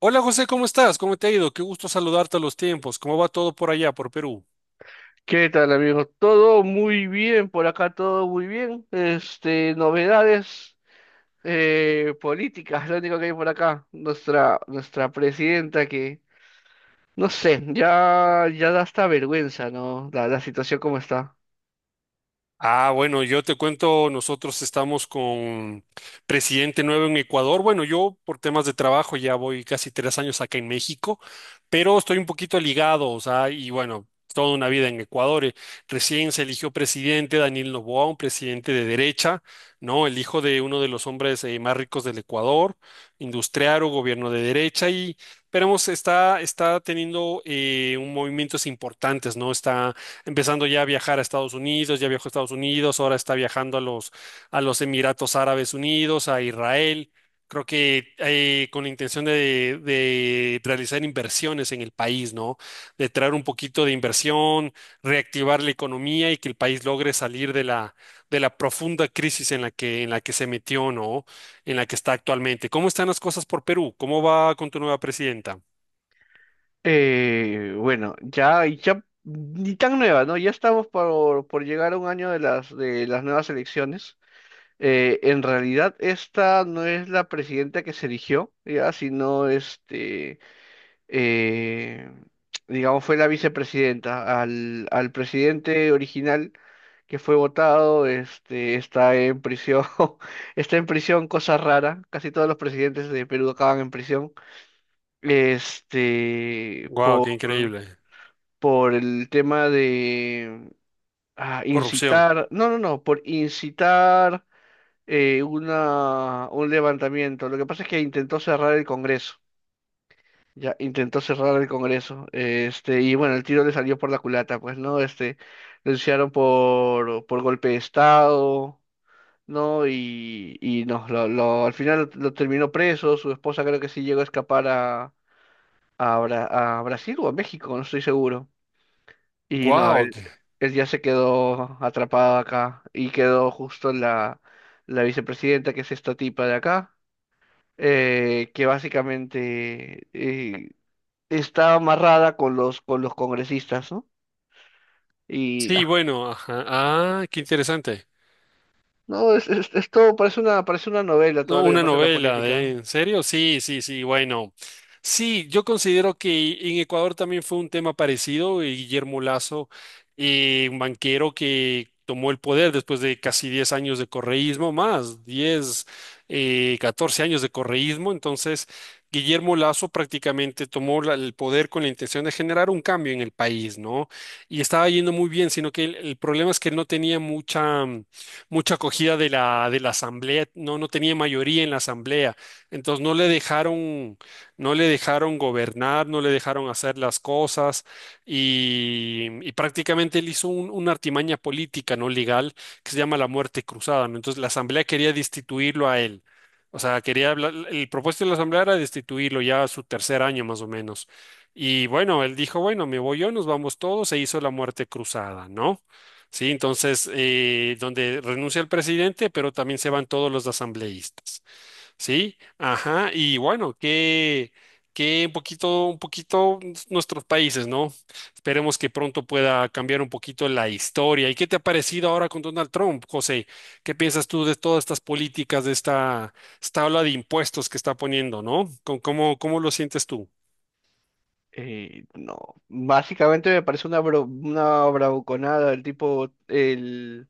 Hola José, ¿cómo estás? ¿Cómo te ha ido? Qué gusto saludarte a los tiempos. ¿Cómo va todo por allá, por Perú? ¿Qué tal, amigos? Todo muy bien, por acá todo muy bien. Novedades políticas, lo único que hay por acá. Nuestra presidenta que, no sé, ya da hasta vergüenza, ¿no? La situación como está. Ah, bueno, yo te cuento, nosotros estamos con presidente nuevo en Ecuador. Bueno, yo por temas de trabajo ya voy casi 3 años acá en México, pero estoy un poquito ligado, o sea, y bueno, toda una vida en Ecuador. Recién se eligió presidente Daniel Noboa, un presidente de derecha, ¿no? El hijo de uno de los hombres más ricos del Ecuador, industriario, gobierno de derecha y esperemos, está teniendo un movimientos importantes, ¿no? Está empezando ya a viajar a Estados Unidos, ya viajó a Estados Unidos, ahora está viajando a los Emiratos Árabes Unidos, a Israel. Creo que con la intención de realizar inversiones en el país, ¿no? De traer un poquito de inversión, reactivar la economía y que el país logre salir de de la profunda crisis en la que se metió, ¿no? En la que está actualmente. ¿Cómo están las cosas por Perú? ¿Cómo va con tu nueva presidenta? Bueno, ya, ya, ni tan nueva, ¿no? Ya estamos por llegar a un año de de las nuevas elecciones. En realidad, esta no es la presidenta que se eligió, ya, sino eh, digamos, fue la vicepresidenta. Al presidente original que fue votado, está en prisión, está en prisión, cosa rara. Casi todos los presidentes de Perú acaban en prisión. Este, ¡Guau, por, qué increíble! por el tema de Corrupción. incitar, no, no, no, por incitar una, un levantamiento. Lo que pasa es que intentó cerrar el Congreso. Ya intentó cerrar el Congreso, y bueno, el tiro le salió por la culata, pues, ¿no? Lo denunciaron por golpe de Estado, ¿no? Y no, al final lo terminó preso, su esposa creo que sí llegó a escapar a, a Brasil o a México, no estoy seguro. Y no, ¡Guau! Él ya se quedó atrapado acá y quedó justo la vicepresidenta, que es esta tipa de acá, que básicamente está amarrada con con los congresistas, ¿no? Y Sí, nah, bueno, ajá. Ah, qué interesante. no, es todo, parece una novela No, todo lo que una pasa en la novela de, política. ¿en serio? Sí, sí, sí, bueno. Sí, yo considero que en Ecuador también fue un tema parecido, y Guillermo Lazo, un banquero que tomó el poder después de casi 10 años de correísmo, 14 años de correísmo. Entonces, Guillermo Lazo prácticamente tomó el poder con la intención de generar un cambio en el país, ¿no? Y estaba yendo muy bien, sino que el problema es que no tenía mucha mucha acogida de de la asamblea, no, no tenía mayoría en la asamblea, entonces no le dejaron, no le dejaron gobernar, no le dejaron hacer las cosas y prácticamente él hizo una artimaña política, no legal, que se llama la muerte cruzada, ¿no? Entonces la asamblea quería destituirlo a él. O sea, quería hablar, el propósito de la asamblea era destituirlo ya a su tercer año más o menos. Y bueno, él dijo, bueno, me voy yo, nos vamos todos, se hizo la muerte cruzada, ¿no? Sí, entonces, donde renuncia el presidente, pero también se van todos los asambleístas. Sí, ajá, y bueno, que un poquito nuestros países, ¿no? Esperemos que pronto pueda cambiar un poquito la historia. ¿Y qué te ha parecido ahora con Donald Trump, José? ¿Qué piensas tú de todas estas políticas, de esta ola de impuestos que está poniendo, ¿no? ¿Cómo, cómo lo sientes tú? No, básicamente me parece una bravuconada,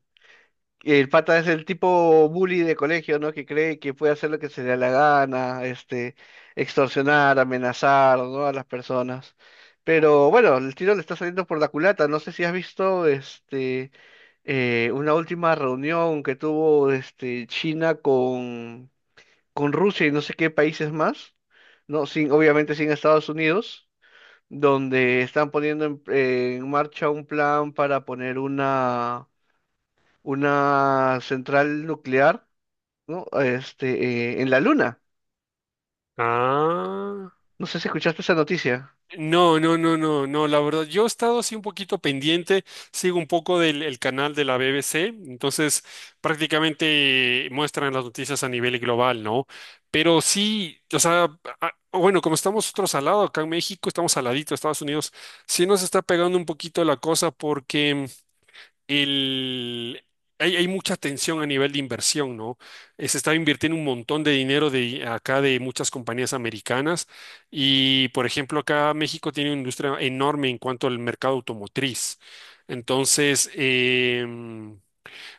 el pata es el tipo bully de colegio, ¿no? Que cree que puede hacer lo que se le da la gana, extorsionar, amenazar, ¿no? A las personas. Pero bueno, el tiro le está saliendo por la culata. No sé si has visto, una última reunión que tuvo, China con Rusia y no sé qué países más, ¿no? Sin, obviamente sin Estados Unidos, donde están poniendo en marcha un plan para poner una central nuclear, ¿no? En la Luna. Ah. No sé si escuchaste esa noticia. No, no, no, no, no, la verdad, yo he estado así un poquito pendiente, sigo un poco del el canal de la BBC, entonces prácticamente muestran las noticias a nivel global, ¿no? Pero sí, o sea, bueno, como estamos nosotros al lado, acá en México, estamos al ladito de Estados Unidos, sí nos está pegando un poquito la cosa porque el- hay mucha tensión a nivel de inversión, ¿no? Se está invirtiendo un montón de dinero de acá de muchas compañías americanas y, por ejemplo, acá México tiene una industria enorme en cuanto al mercado automotriz. Entonces,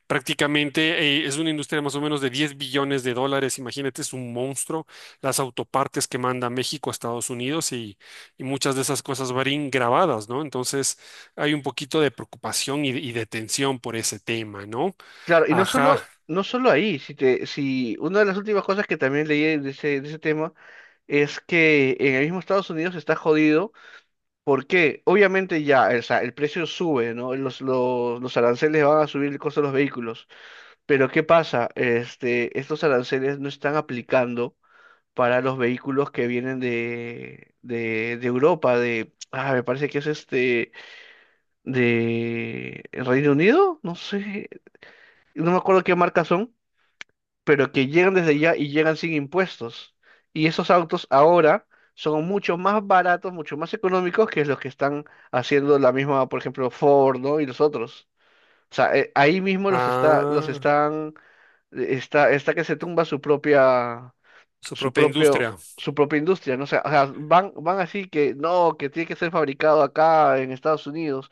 prácticamente es una industria más o menos de $10 billones. Imagínate, es un monstruo. Las autopartes que manda México a Estados Unidos y muchas de esas cosas varían grabadas, ¿no? Entonces hay un poquito de preocupación y de tensión por ese tema, ¿no? Claro, y Ajá. No solo ahí, si una de las últimas cosas que también leí de de ese tema es que en el mismo Estados Unidos está jodido porque obviamente ya, o sea, el precio sube, ¿no? Los aranceles van a subir el costo de los vehículos. Pero ¿qué pasa? Estos aranceles no están aplicando para los vehículos que vienen de Europa, de, ah, me parece que es de Reino Unido, no sé, no me acuerdo qué marca son, pero que llegan desde allá y llegan sin impuestos. Y esos autos ahora son mucho más baratos, mucho más económicos que los que están haciendo la misma, por ejemplo, Ford, ¿no? Y los otros. O sea, ahí mismo los Ah, están, está que se tumba su su propia propio, industria. su propia industria, ¿no? O sea, van así que no, que tiene que ser fabricado acá en Estados Unidos,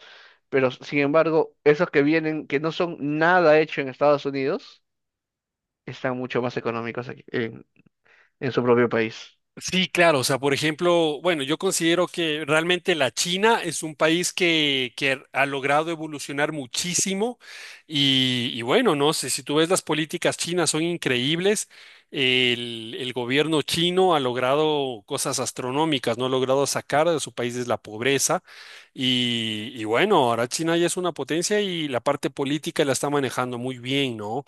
pero sin embargo, esos que vienen, que no son nada hecho en Estados Unidos, están mucho más económicos aquí, en su propio país. Sí, claro, o sea, por ejemplo, bueno, yo considero que realmente la China es un país que ha logrado evolucionar muchísimo y bueno, no sé, si tú ves las políticas chinas son increíbles, el gobierno chino ha logrado cosas astronómicas, no ha logrado sacar de su país de la pobreza y bueno, ahora China ya es una potencia y la parte política la está manejando muy bien, ¿no?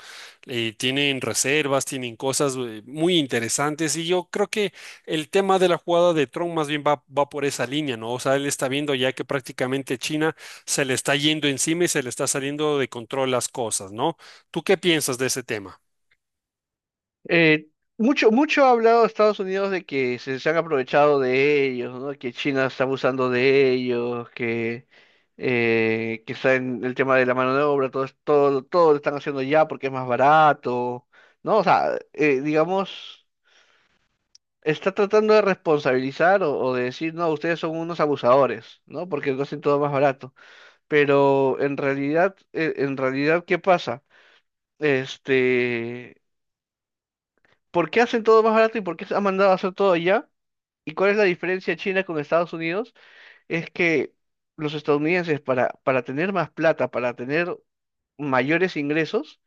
Tienen reservas, tienen cosas muy interesantes y yo creo que el tema de la jugada de tron más bien va, va por esa línea, ¿no? O sea, él está viendo ya que prácticamente China se le está yendo encima y se le está saliendo de control las cosas, ¿no? ¿Tú qué piensas de ese tema? Eh, Mucho ha hablado Estados Unidos de que se han aprovechado de ellos, ¿no? Que China está abusando de ellos, que está en el tema de la mano de obra, todo, todo lo están haciendo ya porque es más barato, ¿no? O sea, digamos, está tratando de responsabilizar o de decir, no, ustedes son unos abusadores, ¿no? Porque lo hacen todo más barato. Pero en realidad, ¿qué pasa? Este, ¿Por qué hacen todo más barato y por qué se han mandado a hacer todo allá? ¿Y cuál es la diferencia China con Estados Unidos? Es que los estadounidenses para tener más plata, para tener mayores ingresos,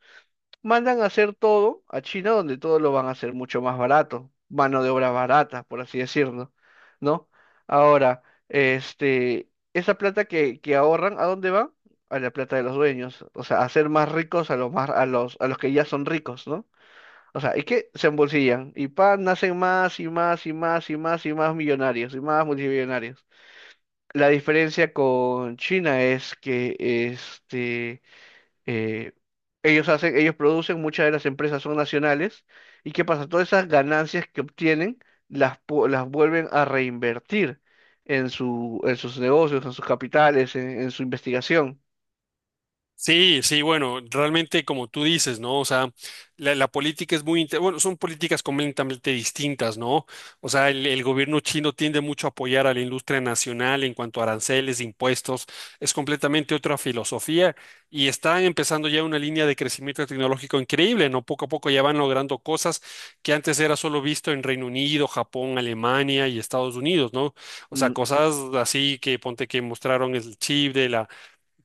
mandan a hacer todo a China donde todo lo van a hacer mucho más barato, mano de obra barata, por así decirlo, ¿no? Ahora, esa plata que ahorran, ¿a dónde va? A la plata de los dueños, o sea, a hacer más ricos a a los que ya son ricos, ¿no? O sea, es que se embolsillan y pa, nacen más y más y más y más y más millonarios y más multimillonarios. La diferencia con China es que eh, ellos hacen, ellos producen, muchas de las empresas son nacionales, y ¿qué pasa? Todas esas ganancias que obtienen las vuelven a reinvertir en su, en sus negocios, en sus capitales, en su investigación. Sí, sí, bueno, realmente como tú dices, ¿no? O sea, la política es muy, bueno, son políticas completamente distintas, ¿no? O sea, el gobierno chino tiende mucho a apoyar a la industria nacional en cuanto a aranceles, impuestos, es completamente otra filosofía y está empezando ya una línea de crecimiento tecnológico increíble, ¿no? Poco a poco ya van logrando cosas que antes era solo visto en Reino Unido, Japón, Alemania y Estados Unidos, ¿no? O sea, Mm. cosas así que ponte que mostraron el chip de la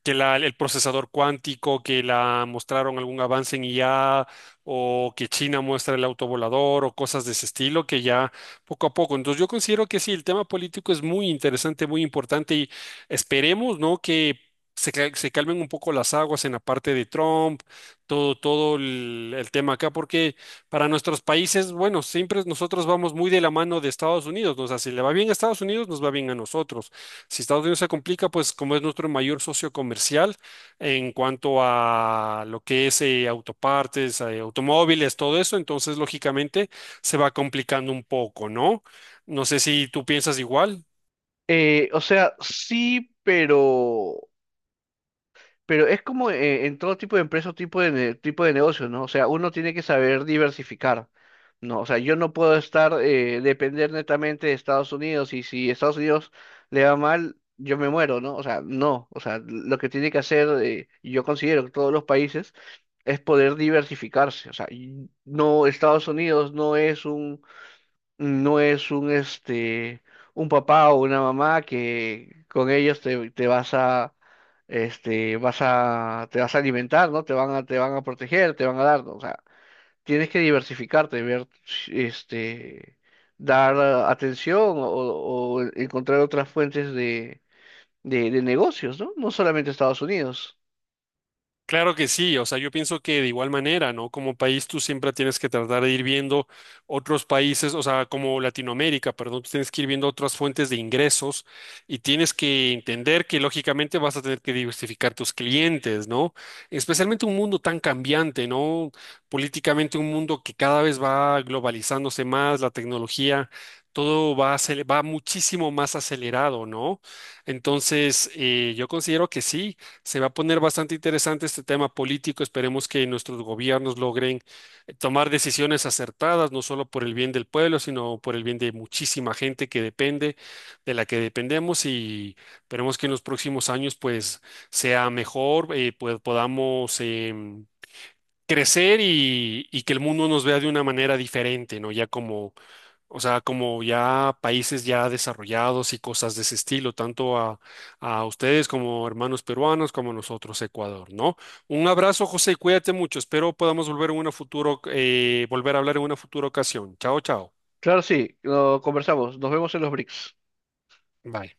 que la- el procesador cuántico, que la mostraron algún avance en IA, o que China muestra el autovolador, o cosas de ese estilo, que ya poco a poco. Entonces yo considero que sí, el tema político es muy interesante, muy importante, y esperemos, ¿no? que se calmen un poco las aguas en la parte de Trump, todo, el tema acá, porque para nuestros países, bueno, siempre nosotros vamos muy de la mano de Estados Unidos, ¿no? O sea, si le va bien a Estados Unidos, nos va bien a nosotros. Si Estados Unidos se complica, pues como es nuestro mayor socio comercial en cuanto a lo que es autopartes, automóviles, todo eso, entonces lógicamente se va complicando un poco, ¿no? No sé si tú piensas igual. O sea, sí, pero es como en todo tipo de empresas, tipo de, tipo de negocios, ¿no? O sea, uno tiene que saber diversificar, ¿no? O sea, yo no puedo estar, depender netamente de Estados Unidos y si Estados Unidos le va mal, yo me muero, ¿no? O sea, no. O sea, lo que tiene que hacer, yo considero que todos los países es poder diversificarse. O sea, y no, Estados Unidos no es un papá o una mamá que con ellos te, te vas a te vas a alimentar, ¿no? Te van a proteger, te van a dar, ¿no? O sea, tienes que diversificarte, ver este dar atención o encontrar otras fuentes de, de negocios, ¿no? No solamente Estados Unidos. Claro que sí, o sea, yo pienso que de igual manera, ¿no? Como país tú siempre tienes que tratar de ir viendo otros países, o sea, como Latinoamérica, perdón, tú tienes que ir viendo otras fuentes de ingresos y tienes que entender que lógicamente vas a tener que diversificar tus clientes, ¿no? Especialmente un mundo tan cambiante, ¿no? Políticamente un mundo que cada vez va globalizándose más, la tecnología, todo va, va muchísimo más acelerado, ¿no? Entonces, yo considero que sí. Se va a poner bastante interesante este tema político. Esperemos que nuestros gobiernos logren tomar decisiones acertadas, no solo por el bien del pueblo, sino por el bien de muchísima gente que depende, de la que dependemos. Y esperemos que en los próximos años, pues, sea mejor, pues podamos crecer y que el mundo nos vea de una manera diferente, ¿no? Ya como o sea, como ya países ya desarrollados y cosas de ese estilo, tanto a ustedes como hermanos peruanos, como a nosotros, Ecuador, ¿no? Un abrazo, José, y cuídate mucho. Espero podamos volver en una futuro, volver a hablar en una futura ocasión. Chao, chao. Claro, sí, lo conversamos. Nos vemos en los BRICS. Bye.